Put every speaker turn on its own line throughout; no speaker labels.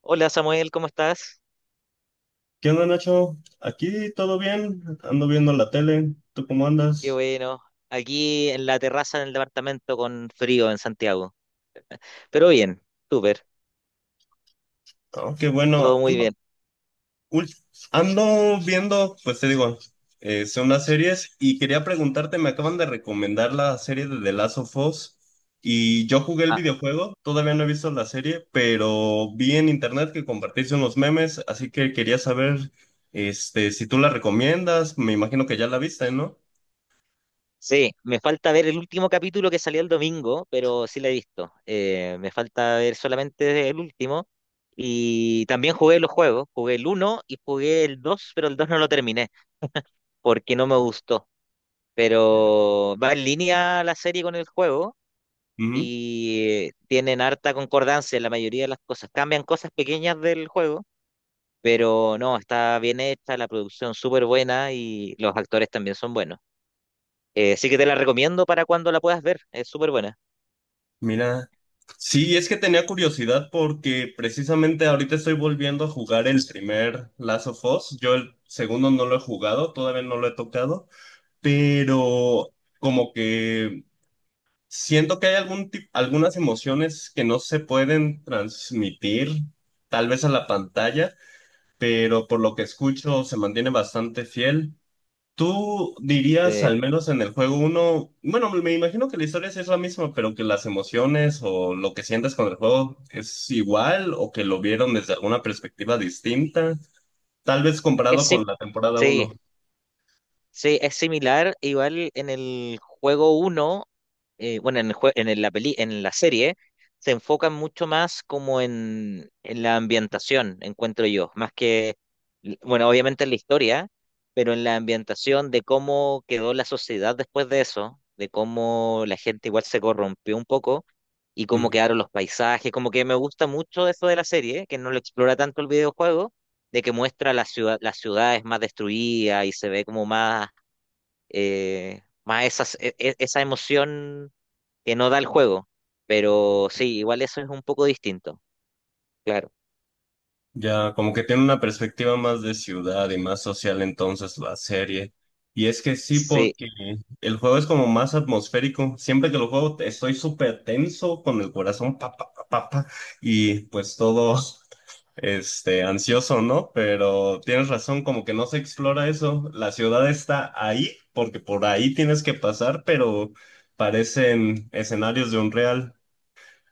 Hola Samuel, ¿cómo estás?
¿Qué onda, Nacho? Aquí todo bien, ando viendo la tele, ¿tú cómo
Qué
andas?
bueno. Aquí en la terraza del departamento con frío en Santiago. Pero bien, súper,
Oh, qué
todo
bueno.
muy bien.
Ul- Ando viendo, pues te digo, son unas series y quería preguntarte, me acaban de recomendar la serie de The Last of Us y yo jugué el
Ah,
videojuego, todavía no he visto la serie, pero vi en internet que compartiste unos memes, así que quería saber, si tú la recomiendas, me imagino que ya la viste, ¿no?
sí, me falta ver el último capítulo que salió el domingo, pero sí la he visto. Me falta ver solamente el último. Y también jugué los juegos. Jugué el uno y jugué el 2, pero el 2 no lo terminé porque no me gustó. Pero va en línea la serie con el juego y tienen harta concordancia en la mayoría de las cosas. Cambian cosas pequeñas del juego, pero no, está bien hecha, la producción súper buena y los actores también son buenos. Sí que te la recomiendo para cuando la puedas ver, es súper buena.
Mira, sí, es que tenía curiosidad porque precisamente ahorita estoy volviendo a jugar el primer Last of Us. Yo el segundo no lo he jugado, todavía no lo he tocado, pero como que siento que hay algunas emociones que no se pueden transmitir tal vez a la pantalla, pero por lo que escucho se mantiene bastante fiel. ¿Tú dirías,
Sí,
al menos en el juego uno bueno, me imagino que la historia sí es la misma, pero que las emociones o lo que sientes con el juego es igual o que lo vieron desde alguna perspectiva distinta, tal vez
es
comparado con
sí,
la temporada
sí,
uno?
sí, es similar, igual en el juego uno, bueno, en el jue- en el- la peli, en la serie, se enfocan mucho más como en la ambientación, encuentro yo, más que, bueno, obviamente en la historia, pero en la ambientación de cómo quedó la sociedad después de eso, de cómo la gente igual se corrompió un poco y cómo
Mm.
quedaron los paisajes, como que me gusta mucho eso de la serie, que no lo explora tanto el videojuego, de que muestra la ciudad, las ciudades más destruidas y se ve como más más esas, esa emoción que no da el juego. Pero sí, igual eso es un poco distinto, claro.
Ya, como que tiene una perspectiva más de ciudad y más social entonces la serie. Y es que sí,
Sí,
porque el juego es como más atmosférico. Siempre que lo juego estoy súper tenso con el corazón, pa, pa, pa, pa, pa, y pues todo... este, ansioso, ¿no? Pero tienes razón, como que no se explora eso. La ciudad está ahí, porque por ahí tienes que pasar, pero parecen escenarios de un real,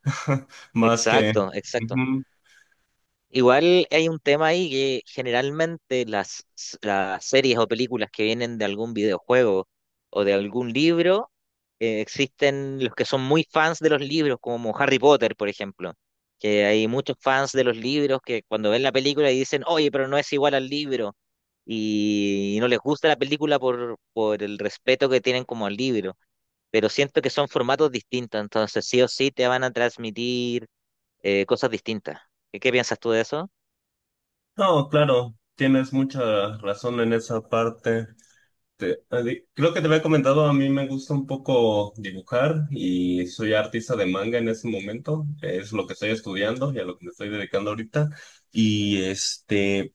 más que...
exacto, exacto.
Ujú.
Igual hay un tema ahí que generalmente las series o películas que vienen de algún videojuego o de algún libro, existen los que son muy fans de los libros, como Harry Potter, por ejemplo, que hay muchos fans de los libros que cuando ven la película y dicen, oye, pero no es igual al libro, y no les gusta la película por el respeto que tienen como al libro, pero siento que son formatos distintos, entonces sí o sí te van a transmitir cosas distintas. ¿Qué, qué piensas tú de eso?
No, claro, tienes mucha razón en esa parte. Creo que te había comentado, a mí me gusta un poco dibujar y soy artista de manga en ese momento, es lo que estoy estudiando y a lo que me estoy dedicando ahorita. Y este,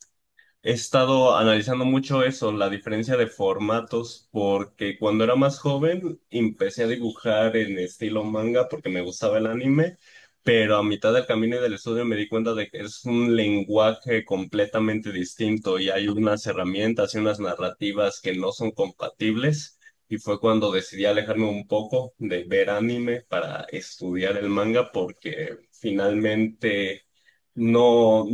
He estado analizando mucho eso, la diferencia de formatos, porque cuando era más joven empecé a dibujar en estilo manga porque me gustaba el anime, pero a mitad del camino y del estudio me di cuenta de que es un lenguaje completamente distinto y hay unas herramientas y unas narrativas que no son compatibles. Y fue cuando decidí alejarme un poco de ver anime para estudiar el manga porque finalmente no...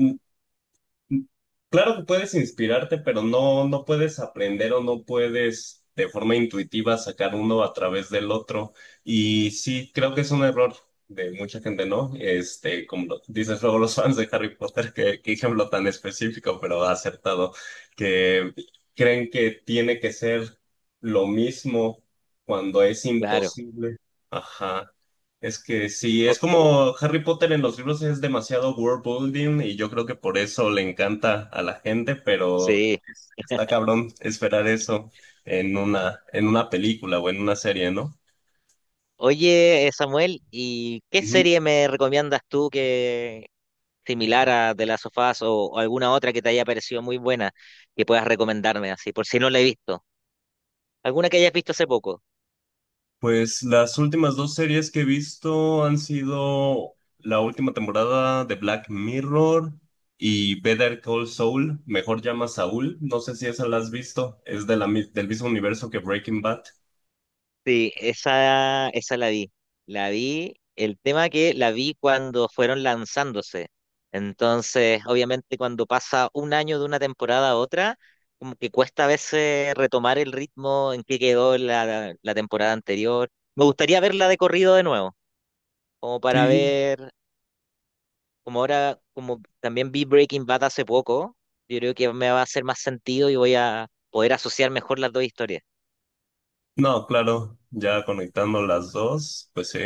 Claro que puedes inspirarte, pero no puedes aprender o no puedes de forma intuitiva sacar uno a través del otro. Y sí, creo que es un error de mucha gente, ¿no? Este, dices luego los fans de Harry Potter, que qué ejemplo tan específico, pero acertado, que creen que tiene que ser lo mismo cuando es
Claro,
imposible. Ajá. Es que sí, es
O-
como Harry Potter en los libros es demasiado world building y yo creo que por eso le encanta a la gente, pero
sí.
está cabrón esperar eso en una película o en una serie, ¿no?
Oye, Samuel, ¿y qué
Ujú.
serie me recomiendas tú que similar a The Last of Us o alguna otra que te haya parecido muy buena que puedas recomendarme así, por si no la he visto? ¿Alguna que hayas visto hace poco?
Pues las últimas dos series que he visto han sido la última temporada de Black Mirror y Better Call Saul, mejor llama Saúl, no sé si esa la has visto, es de del mismo universo que Breaking Bad.
Sí, esa la vi. La vi, el tema que la vi cuando fueron lanzándose. Entonces, obviamente, cuando pasa un año de una temporada a otra, como que cuesta a veces retomar el ritmo en que quedó la temporada anterior. Me gustaría verla de corrido de nuevo, como para
Sí.
ver, como ahora, como también vi Breaking Bad hace poco, yo creo que me va a hacer más sentido y voy a poder asociar mejor las dos historias.
No, claro, ya conectando las dos, pues sí.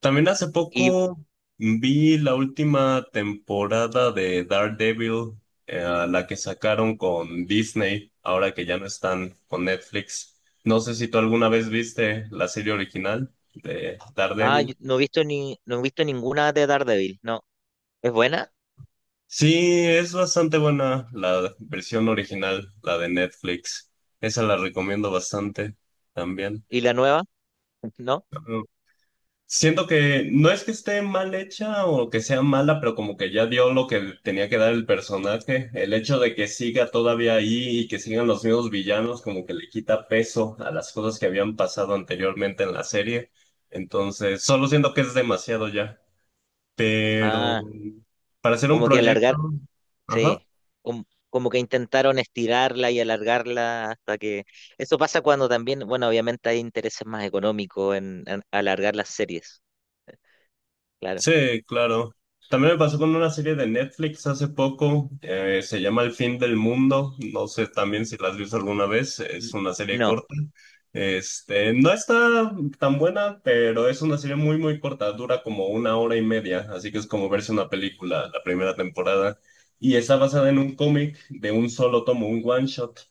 También hace poco vi la última temporada de Daredevil, eh, la que sacaron con Disney, ahora que ya no están con Netflix. No sé si tú alguna vez viste la serie original de
Ah,
Daredevil.
yo no he visto ni, no he visto ninguna de Daredevil, no. ¿Es buena?
Sí, es bastante buena la versión original, la de Netflix. Esa la recomiendo bastante también.
¿Y la nueva? ¿No?
Siento que no es que esté mal hecha o que sea mala, pero como que ya dio lo que tenía que dar el personaje. El hecho de que siga todavía ahí y que sigan los mismos villanos, como que le quita peso a las cosas que habían pasado anteriormente en la serie. Entonces, solo siento que es demasiado ya. Pero
Ah,
para hacer un
como que
proyecto,
alargar,
ajá.
sí. Como, como que intentaron estirarla y alargarla hasta que... Eso pasa cuando también, bueno, obviamente hay intereses más económicos en alargar las series, claro.
Sí, claro. También me pasó con una serie de Netflix hace poco, se llama El fin del mundo, no sé también si la has visto alguna vez, es
N-
una serie
No,
corta. Este, no está tan buena, pero es una serie muy, muy corta, dura como una hora y media, así que es como verse una película la primera temporada. Y está basada en un cómic de un solo tomo, un one shot,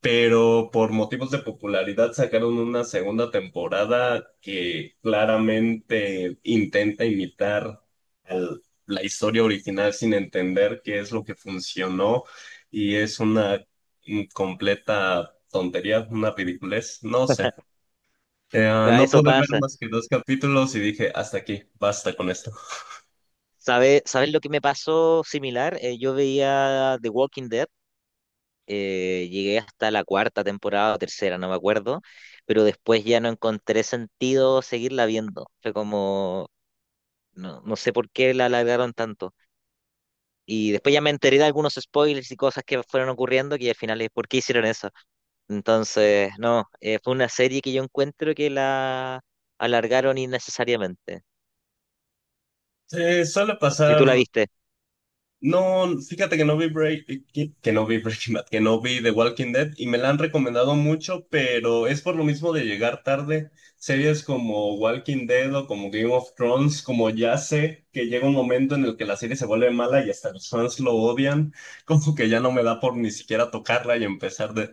pero por motivos de popularidad sacaron una segunda temporada que claramente intenta imitar la historia original sin entender qué es lo que funcionó y es una completa tontería, una ridiculez, no sé.
ah,
No
eso
pude ver
pasa.
más que dos capítulos y dije, hasta aquí, basta con esto.
¿Sabes, sabes lo que me pasó similar? Yo veía The Walking Dead. Llegué hasta la cuarta temporada o tercera, no me acuerdo, pero después ya no encontré sentido seguirla viendo. Fue como, no, no sé por qué la alargaron tanto. Y después ya me enteré de algunos spoilers y cosas que fueron ocurriendo, que al final es por qué hicieron eso. Entonces, no, fue una serie que yo encuentro que la alargaron innecesariamente.
Suele
No sé si
pasar.
tú la viste.
No, fíjate que que no vi Breaking Bad, que no vi The Walking Dead y me la han recomendado mucho, pero es por lo mismo de llegar tarde. Series como Walking Dead o como Game of Thrones, como ya sé que llega un momento en el que la serie se vuelve mala y hasta los fans lo odian, como que ya no me da por ni siquiera tocarla y empezar de...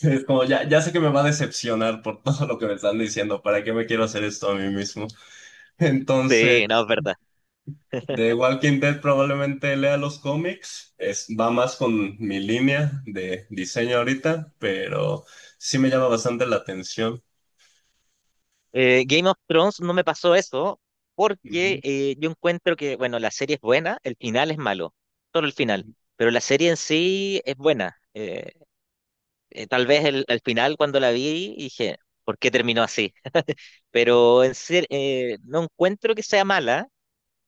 Es como ya, ya sé que me va a decepcionar por todo lo que me están diciendo, ¿para qué me quiero hacer esto a mí mismo?
Sí, no,
Entonces...
es verdad.
De Walking Dead probablemente lea los cómics, es, va más con mi línea de diseño ahorita, pero sí me llama bastante la atención.
Game of Thrones no me pasó eso porque yo encuentro que, bueno, la serie es buena, el final es malo, solo el final, pero la serie en sí es buena. Tal vez el final cuando la vi dije, ¿por qué terminó así? Pero no encuentro que sea mala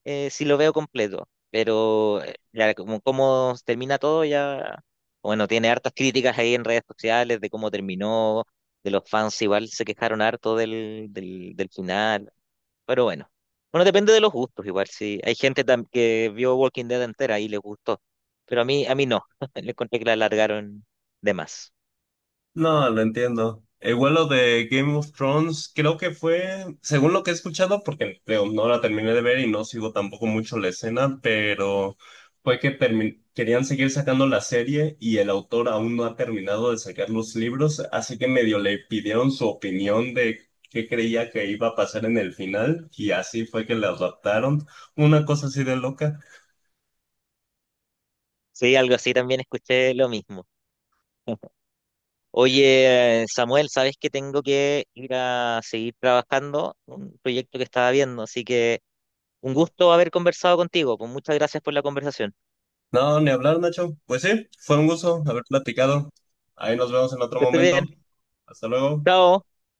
si lo veo completo, pero ya como, como termina todo ya, bueno, tiene hartas críticas ahí en redes sociales de cómo terminó. De los fans igual se quejaron harto del final. Pero bueno, bueno, depende de los gustos, igual. Si hay gente que vio Walking Dead entera y les gustó, pero a mí no, le encontré que la alargaron de más.
No, lo entiendo. El vuelo de Game of Thrones creo que fue, según lo que he escuchado, porque digo, no la terminé de ver y no sigo tampoco mucho la escena, pero fue que querían seguir sacando la serie y el autor aún no ha terminado de sacar los libros, así que medio le pidieron su opinión de qué creía que iba a pasar en el final y así fue que la adaptaron. Una cosa así de loca.
Sí, algo así también escuché lo mismo. Oye, Samuel, sabes que tengo que ir a seguir trabajando un proyecto que estaba viendo, así que un gusto haber conversado contigo. Pues muchas gracias por la conversación.
No, ni hablar, Nacho. Pues sí, fue un gusto haber platicado. Ahí nos vemos en otro
Que estés
momento.
bien.
Hasta luego.
Chao.